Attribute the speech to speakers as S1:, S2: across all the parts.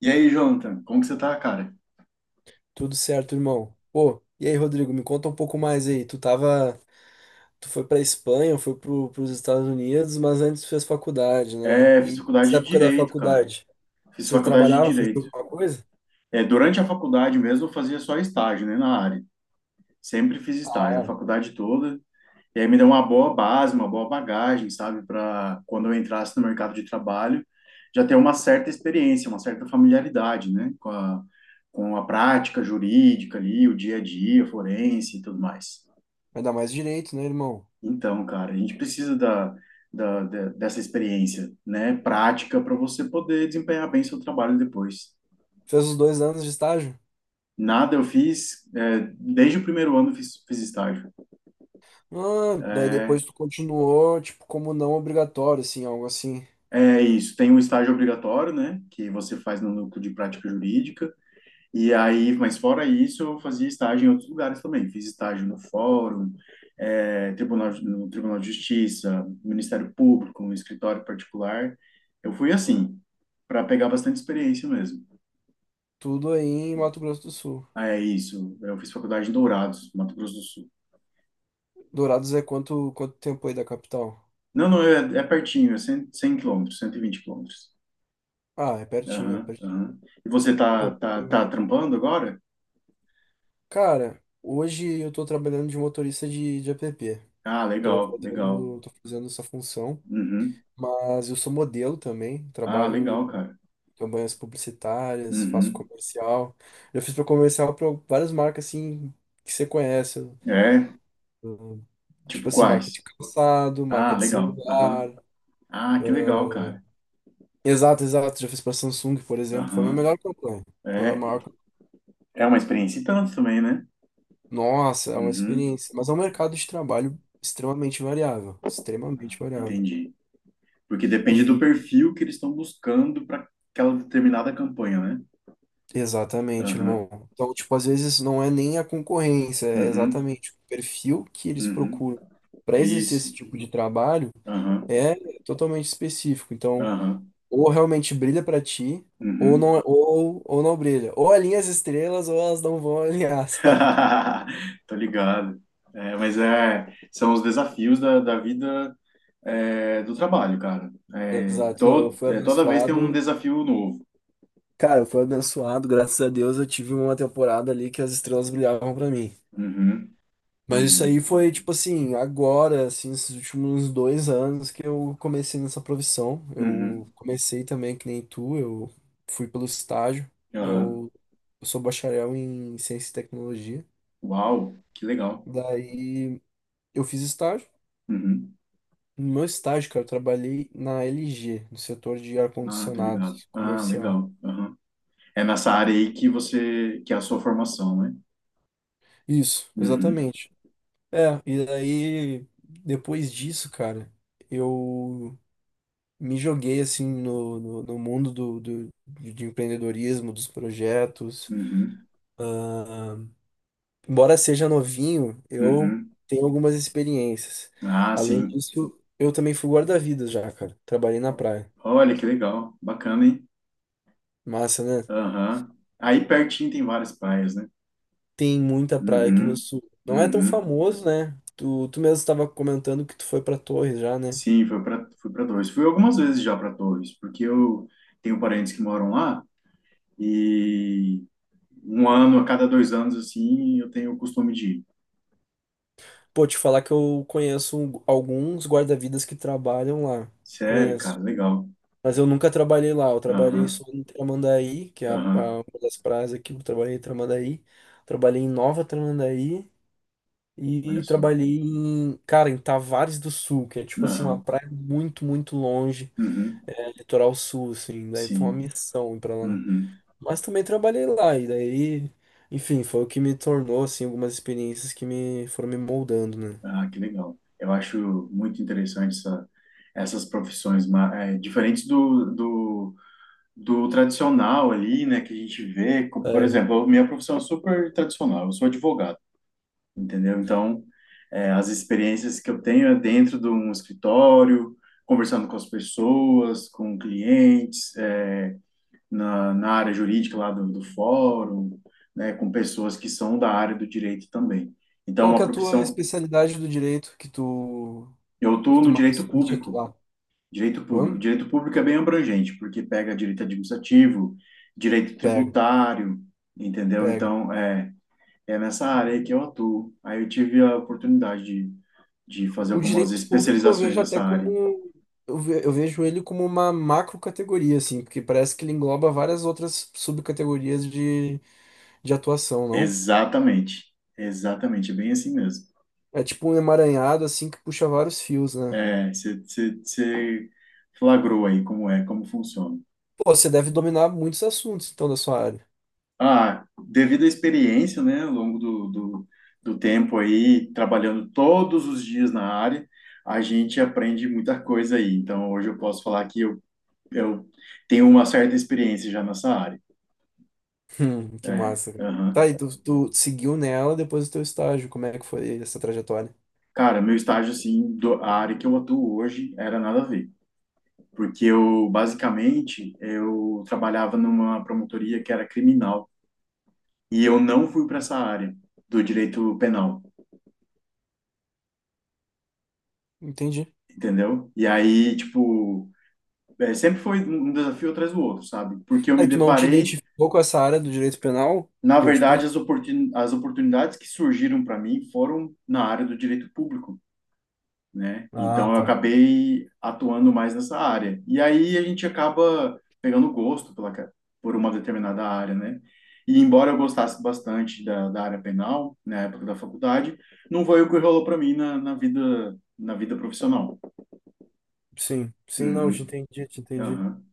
S1: E aí, Jonathan, como que você tá, cara?
S2: Tudo certo, irmão. Pô, e aí, Rodrigo, me conta um pouco mais aí. Tu tava, tu foi pra Espanha, foi pros Estados Unidos, mas antes tu fez faculdade, né?
S1: É,
S2: E
S1: fiz faculdade
S2: nessa
S1: de
S2: época da
S1: Direito, cara.
S2: faculdade,
S1: Fiz
S2: você
S1: faculdade de
S2: trabalhava, fez
S1: Direito.
S2: alguma coisa?
S1: É, durante a faculdade mesmo eu fazia só estágio, né, na área. Sempre fiz estágio, a
S2: Ah,
S1: faculdade toda. E aí me deu uma boa base, uma boa bagagem, sabe, para quando eu entrasse no mercado de trabalho, já ter uma certa experiência, uma certa familiaridade, né, com a prática jurídica ali, o dia a dia, forense e tudo mais.
S2: vai dar mais direito, né, irmão?
S1: Então, cara, a gente precisa dessa experiência, né, prática para você poder desempenhar bem seu trabalho depois.
S2: Fez os dois anos de estágio?
S1: Nada eu fiz, é, desde o primeiro ano eu fiz, fiz estágio.
S2: Ah, daí
S1: É,
S2: depois tu continuou, tipo, como não obrigatório, assim, algo assim.
S1: é isso, tem o estágio obrigatório, né, que você faz no núcleo de prática jurídica. E aí, mas fora isso, eu fazia estágio em outros lugares também. Fiz estágio no Fórum, no Tribunal de Justiça, Ministério Público, no escritório particular. Eu fui assim, para pegar bastante experiência mesmo.
S2: Tudo aí em Mato Grosso do Sul.
S1: Ah, é isso. Eu fiz faculdade em Dourados, Mato Grosso do Sul.
S2: Dourados é quanto tempo aí da capital?
S1: Não, não, é, é pertinho, 100 quilômetros, 120 quilômetros.
S2: Ah, é pertinho, é
S1: Aham,
S2: pertinho.
S1: aham. E você
S2: Pô,
S1: tá trampando agora?
S2: cara, hoje eu tô trabalhando de motorista de app.
S1: Ah, legal, legal.
S2: Tô fazendo essa função,
S1: Uhum.
S2: mas eu sou modelo também,
S1: Ah,
S2: trabalho
S1: legal, cara.
S2: campanhas publicitárias, faço
S1: Uhum.
S2: comercial. Já fiz para comercial para várias marcas assim que você conhece.
S1: É,
S2: Hum, tipo
S1: tipo
S2: assim, marca de
S1: quais?
S2: calçado,
S1: Ah,
S2: marca de
S1: legal.
S2: celular.
S1: Aham. Ah, que legal, cara.
S2: Exato, exato. Já fiz para Samsung, por exemplo. Foi a minha
S1: Aham.
S2: melhor campanha. Foi a
S1: É,
S2: maior.
S1: é uma experiência e tanto também, né?
S2: Nossa, é uma
S1: Uhum.
S2: experiência. Mas é um mercado de trabalho extremamente variável. Extremamente variável.
S1: Entendi. Porque depende do
S2: E
S1: perfil que eles estão buscando para aquela determinada campanha, né?
S2: exatamente,
S1: Aham.
S2: irmão. Então, tipo, às vezes não é nem a concorrência, é
S1: Uhum.
S2: exatamente o perfil que eles
S1: Uhum.
S2: procuram para exercer esse
S1: Isso.
S2: tipo de trabalho
S1: Aham.
S2: é totalmente específico. Então,
S1: Aham.
S2: ou realmente brilha para ti, ou
S1: Uhum.
S2: não, ou não brilha. Ou alinha as estrelas, ou elas não vão alinhar, sabe?
S1: Tô ligado. É, são os desafios da vida é, do trabalho, cara.
S2: Exato. Não, eu fui
S1: Toda vez tem um
S2: abençoado.
S1: desafio novo.
S2: Cara, eu fui abençoado, graças a Deus eu tive uma temporada ali que as estrelas brilhavam para mim.
S1: Uhum.
S2: Mas isso aí
S1: Uhum.
S2: foi, tipo assim, agora, assim, esses últimos dois anos que eu comecei nessa profissão. Eu
S1: Uhum.
S2: comecei também que nem tu, eu fui pelo estágio.
S1: Ah,
S2: Eu, eu sou bacharel em ciência e tecnologia.
S1: uau, que legal.
S2: Daí eu fiz estágio.
S1: Uhum.
S2: No meu estágio, cara, eu trabalhei na LG, no setor de
S1: Ah, tô
S2: ar-condicionado
S1: ligado. Ah,
S2: comercial.
S1: legal. Aham. É nessa área aí que você, que é a sua formação, né?
S2: Isso,
S1: Uhum,
S2: exatamente. É, e daí, depois disso, cara, eu me joguei assim no mundo do, do, de empreendedorismo, dos projetos.
S1: uhum,
S2: Ah, embora seja novinho, eu
S1: uhum.
S2: tenho algumas experiências.
S1: Ah,
S2: Além
S1: sim.
S2: disso, eu também fui guarda-vidas já, cara. Trabalhei na praia.
S1: Olha que legal, bacana, hein?
S2: Massa, né?
S1: Aham. Aí pertinho tem várias praias, né?
S2: Tem muita praia aqui no
S1: Uhum,
S2: sul. Não é tão
S1: uhum.
S2: famoso, né? Tu mesmo estava comentando que tu foi pra Torres já, né?
S1: Sim, fui para Torres. Fui algumas vezes já para Torres, porque eu tenho parentes que moram lá e um ano a cada dois anos assim eu tenho o costume de ir.
S2: Pô, te falar que eu conheço alguns guarda-vidas que trabalham lá.
S1: Sério, cara,
S2: Conheço.
S1: legal.
S2: Mas eu nunca trabalhei lá, eu trabalhei só
S1: Aham,
S2: em Tramandaí, que é
S1: aham,
S2: uma das praias aqui, eu trabalhei em Tramandaí, trabalhei em Nova Tramandaí
S1: olha
S2: e
S1: só.
S2: trabalhei em, cara, em Tavares do Sul, que é tipo assim, uma
S1: Aham,
S2: praia muito, muito longe,
S1: uhum,
S2: litoral sul, assim, daí foi uma
S1: sim,
S2: missão ir pra lá.
S1: uhum.
S2: Mas também trabalhei lá, e daí, enfim, foi o que me tornou, assim, algumas experiências que me foram me moldando, né?
S1: Ah, que legal. Eu acho muito interessante essas profissões diferentes do tradicional ali, né, que a gente vê. Por
S2: É.
S1: exemplo, a minha profissão é super tradicional, eu sou advogado, entendeu? Então, as experiências que eu tenho é dentro de um escritório, conversando com as pessoas, com clientes, é, na, na área jurídica lá do fórum, né, com pessoas que são da área do direito também. Então, é
S2: Qual
S1: uma
S2: que é a tua
S1: profissão.
S2: especialidade do direito
S1: Eu
S2: que
S1: estou
S2: tu
S1: no
S2: mais
S1: direito
S2: curte
S1: público,
S2: atuar?
S1: direito público.
S2: Hã?
S1: Direito público é bem abrangente, porque pega direito administrativo, direito
S2: Pega.
S1: tributário, entendeu?
S2: Pega.
S1: Então, é, é nessa área aí que eu atuo. Aí eu tive a oportunidade de fazer
S2: O
S1: algumas
S2: direito público eu
S1: especializações
S2: vejo até
S1: nessa área.
S2: como. Eu vejo ele como uma macrocategoria, assim, porque parece que ele engloba várias outras subcategorias de atuação, não?
S1: Exatamente, exatamente, é bem assim mesmo.
S2: É tipo um emaranhado, assim, que puxa vários fios, né?
S1: É, você flagrou aí como é, como funciona.
S2: Pô, você deve dominar muitos assuntos, então, da sua área.
S1: Ah, devido à experiência, né, ao longo do tempo aí, trabalhando todos os dias na área, a gente aprende muita coisa aí. Então, hoje eu posso falar que eu tenho uma certa experiência já nessa área.
S2: Que
S1: É,
S2: massa, cara.
S1: aham.
S2: Tá, e tu seguiu nela depois do teu estágio, como é que foi essa trajetória?
S1: Cara, meu estágio, assim, a área que eu atuo hoje era nada a ver. Porque eu, basicamente, eu trabalhava numa promotoria que era criminal. E eu não fui para essa área do direito penal,
S2: Entendi.
S1: entendeu? E aí, tipo É, sempre foi um desafio atrás do outro, sabe? Porque eu
S2: Aí
S1: me
S2: tu não te
S1: deparei,
S2: identificou com essa área do direito penal?
S1: na
S2: Foi tipo
S1: verdade,
S2: isso?
S1: as oportunidades que surgiram para mim foram na área do direito público, né?
S2: Ah,
S1: Então eu
S2: tá.
S1: acabei atuando mais nessa área. E aí a gente acaba pegando gosto por uma determinada área, né? E embora eu gostasse bastante da área penal, na época da faculdade, não foi o que rolou para mim na vida profissional.
S2: Sim, sim, não, eu te
S1: Uhum,
S2: entendi, te entendi.
S1: aham,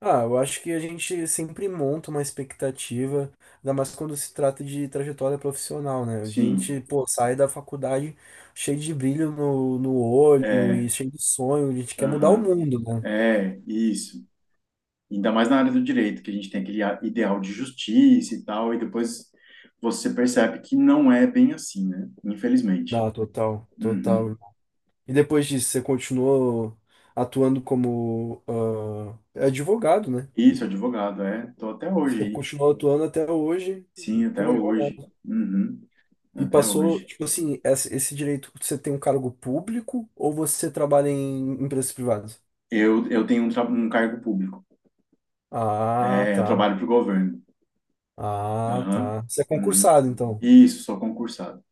S2: Ah, eu acho que a gente sempre monta uma expectativa, ainda mais quando se trata de trajetória profissional, né? A
S1: sim,
S2: gente, pô, sai da faculdade cheio de brilho no olho
S1: é,
S2: e cheio de sonho, a gente quer mudar o
S1: aham,
S2: mundo, né?
S1: é, isso. Ainda mais na área do direito, que a gente tem aquele ideal de justiça e tal, e depois você percebe que não é bem assim, né? Infelizmente.
S2: Não, total,
S1: Uhum.
S2: total. E depois disso, você continuou atuando como é advogado, né?
S1: Isso, advogado, é. Tô até hoje
S2: Você
S1: aí.
S2: continuou atuando até hoje
S1: Sim, até
S2: como
S1: hoje.
S2: advogado.
S1: Uhum.
S2: E
S1: Até
S2: passou,
S1: hoje.
S2: tipo assim, esse direito, você tem um cargo público ou você trabalha em empresas privadas?
S1: Eu tenho um, um cargo público.
S2: Ah,
S1: É, eu
S2: tá.
S1: trabalho para o governo.
S2: Ah,
S1: Aham.
S2: tá. Você é
S1: Uhum.
S2: concursado, então.
S1: Isso, sou concursado.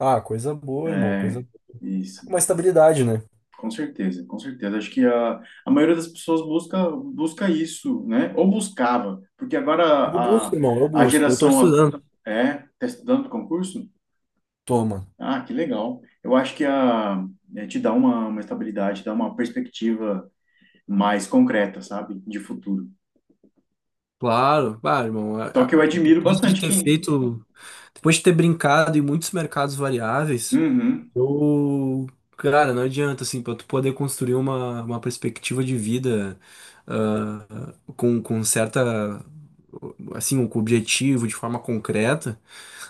S2: Ah, coisa boa, irmão.
S1: É,
S2: Coisa...
S1: isso.
S2: Uma estabilidade, né?
S1: Com certeza, com certeza. Acho que a maioria das pessoas busca, busca isso, né? Ou buscava, porque agora
S2: Eu busco, irmão. Eu
S1: a
S2: busco. Eu tô
S1: geração a-
S2: estudando.
S1: é, tá estudando pro concurso?
S2: Toma.
S1: Ah, que legal. Eu acho que a, é, te dá uma estabilidade, dá uma perspectiva mais concreta, sabe? De futuro.
S2: Claro, bah, irmão,
S1: Só que eu admiro
S2: depois de
S1: bastante
S2: ter
S1: quem.
S2: feito, depois de ter brincado em muitos mercados variáveis,
S1: Uhum,
S2: eu, cara, não adianta, assim, para tu poder construir uma perspectiva de vida, ah, com certa, assim, um objetivo de forma concreta.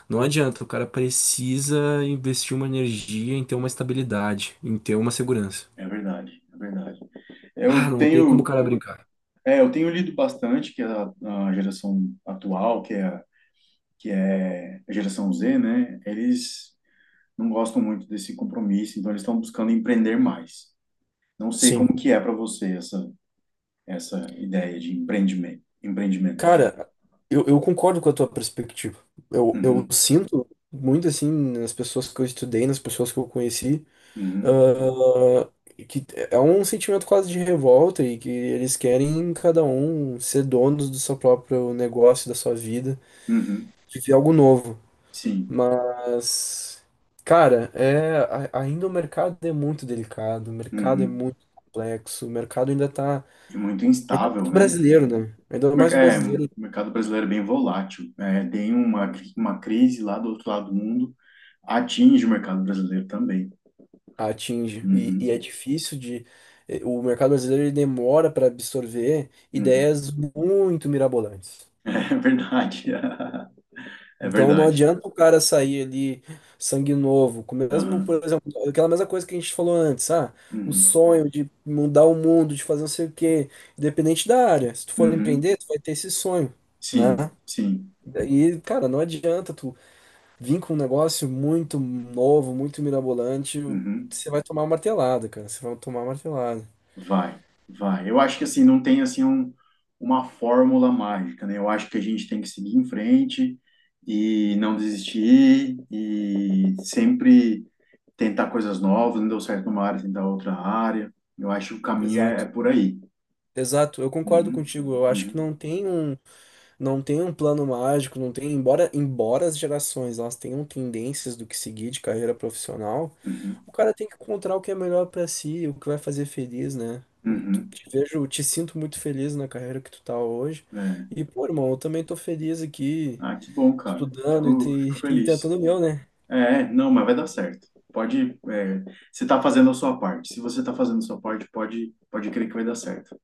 S2: Não adianta, o cara precisa investir uma energia em ter uma estabilidade, em ter uma segurança.
S1: é verdade, é verdade.
S2: Ah,
S1: Eu
S2: não tem como o
S1: tenho,
S2: cara brincar.
S1: é, eu tenho lido bastante que a geração atual, que é a geração Z, né? Eles não gostam muito desse compromisso, então eles estão buscando empreender mais. Não sei
S2: Sim.
S1: como que é para você essa ideia de empreendimento, empreendimentos.
S2: Cara, eu concordo com a tua perspectiva. Eu
S1: Uhum,
S2: sinto muito assim nas pessoas que eu estudei, nas pessoas que eu conheci,
S1: uhum,
S2: ah, que é um sentimento quase de revolta e que eles querem cada um ser donos do seu próprio negócio, da sua vida,
S1: uhum,
S2: viver algo novo.
S1: sim,
S2: Mas, cara, é, ainda o mercado é muito delicado, o mercado é
S1: uhum.
S2: muito complexo, o mercado ainda tá,
S1: E muito
S2: ainda é
S1: instável,
S2: muito
S1: né?
S2: brasileiro, né? Ainda mais o
S1: É, o
S2: brasileiro
S1: mercado brasileiro é bem volátil. É, tem uma, uma crise lá do outro lado do mundo, atinge o mercado brasileiro também.
S2: atinge. E
S1: Uhum,
S2: é difícil de. Eh, o mercado brasileiro ele demora para absorver
S1: uhum.
S2: ideias muito mirabolantes.
S1: É verdade. É
S2: Então não
S1: verdade.
S2: adianta o cara sair ali sangue novo, com mesmo,
S1: Aham,
S2: por exemplo, aquela mesma coisa que a gente falou antes, ah, o
S1: uhum,
S2: sonho de mudar o mundo, de fazer não sei o quê, independente da área. Se tu for
S1: uhum.
S2: empreender, tu vai ter esse sonho,
S1: Sim,
S2: né?
S1: sim.
S2: E, cara, não adianta tu vir com um negócio muito novo, muito mirabolante,
S1: Uhum.
S2: você vai tomar martelada, cara, você vai tomar martelada.
S1: Vai, vai. Eu acho que assim, não tem assim um, uma fórmula mágica, né? Eu acho que a gente tem que seguir em frente e não desistir e sempre tentar coisas novas, não deu certo numa área, tentar outra área. Eu acho que o caminho é, é
S2: Exato.
S1: por aí.
S2: Exato, eu concordo
S1: Uhum,
S2: contigo. Eu acho que
S1: uhum,
S2: não tem um. Não tem um plano mágico, não tem, embora as gerações elas tenham tendências do que seguir de carreira profissional,
S1: uhum,
S2: o cara tem que encontrar o que é melhor pra si, o que vai fazer feliz, né? Eu
S1: uhum.
S2: te vejo, te sinto muito feliz na carreira que tu tá hoje.
S1: É.
S2: E, pô, irmão, eu também tô feliz aqui,
S1: Ah, que bom, cara.
S2: estudando
S1: Fico, fico
S2: e
S1: feliz.
S2: tentando o meu, né?
S1: É, não, mas vai dar certo. Pode, é, você está fazendo a sua parte. Se você está fazendo a sua parte, pode, pode crer que vai dar certo.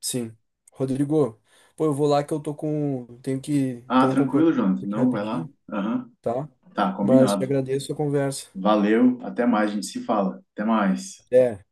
S2: Sim. Rodrigo, pô, eu vou lá que eu tô com, tenho que
S1: Ah,
S2: ter um
S1: tranquilo,
S2: compromisso
S1: Jonathan.
S2: aqui
S1: Não, vai lá.
S2: rapidinho,
S1: Aham.
S2: tá?
S1: Tá,
S2: Mas te
S1: combinado.
S2: agradeço a conversa.
S1: Valeu. Até mais, a gente se fala. Até mais.
S2: Até.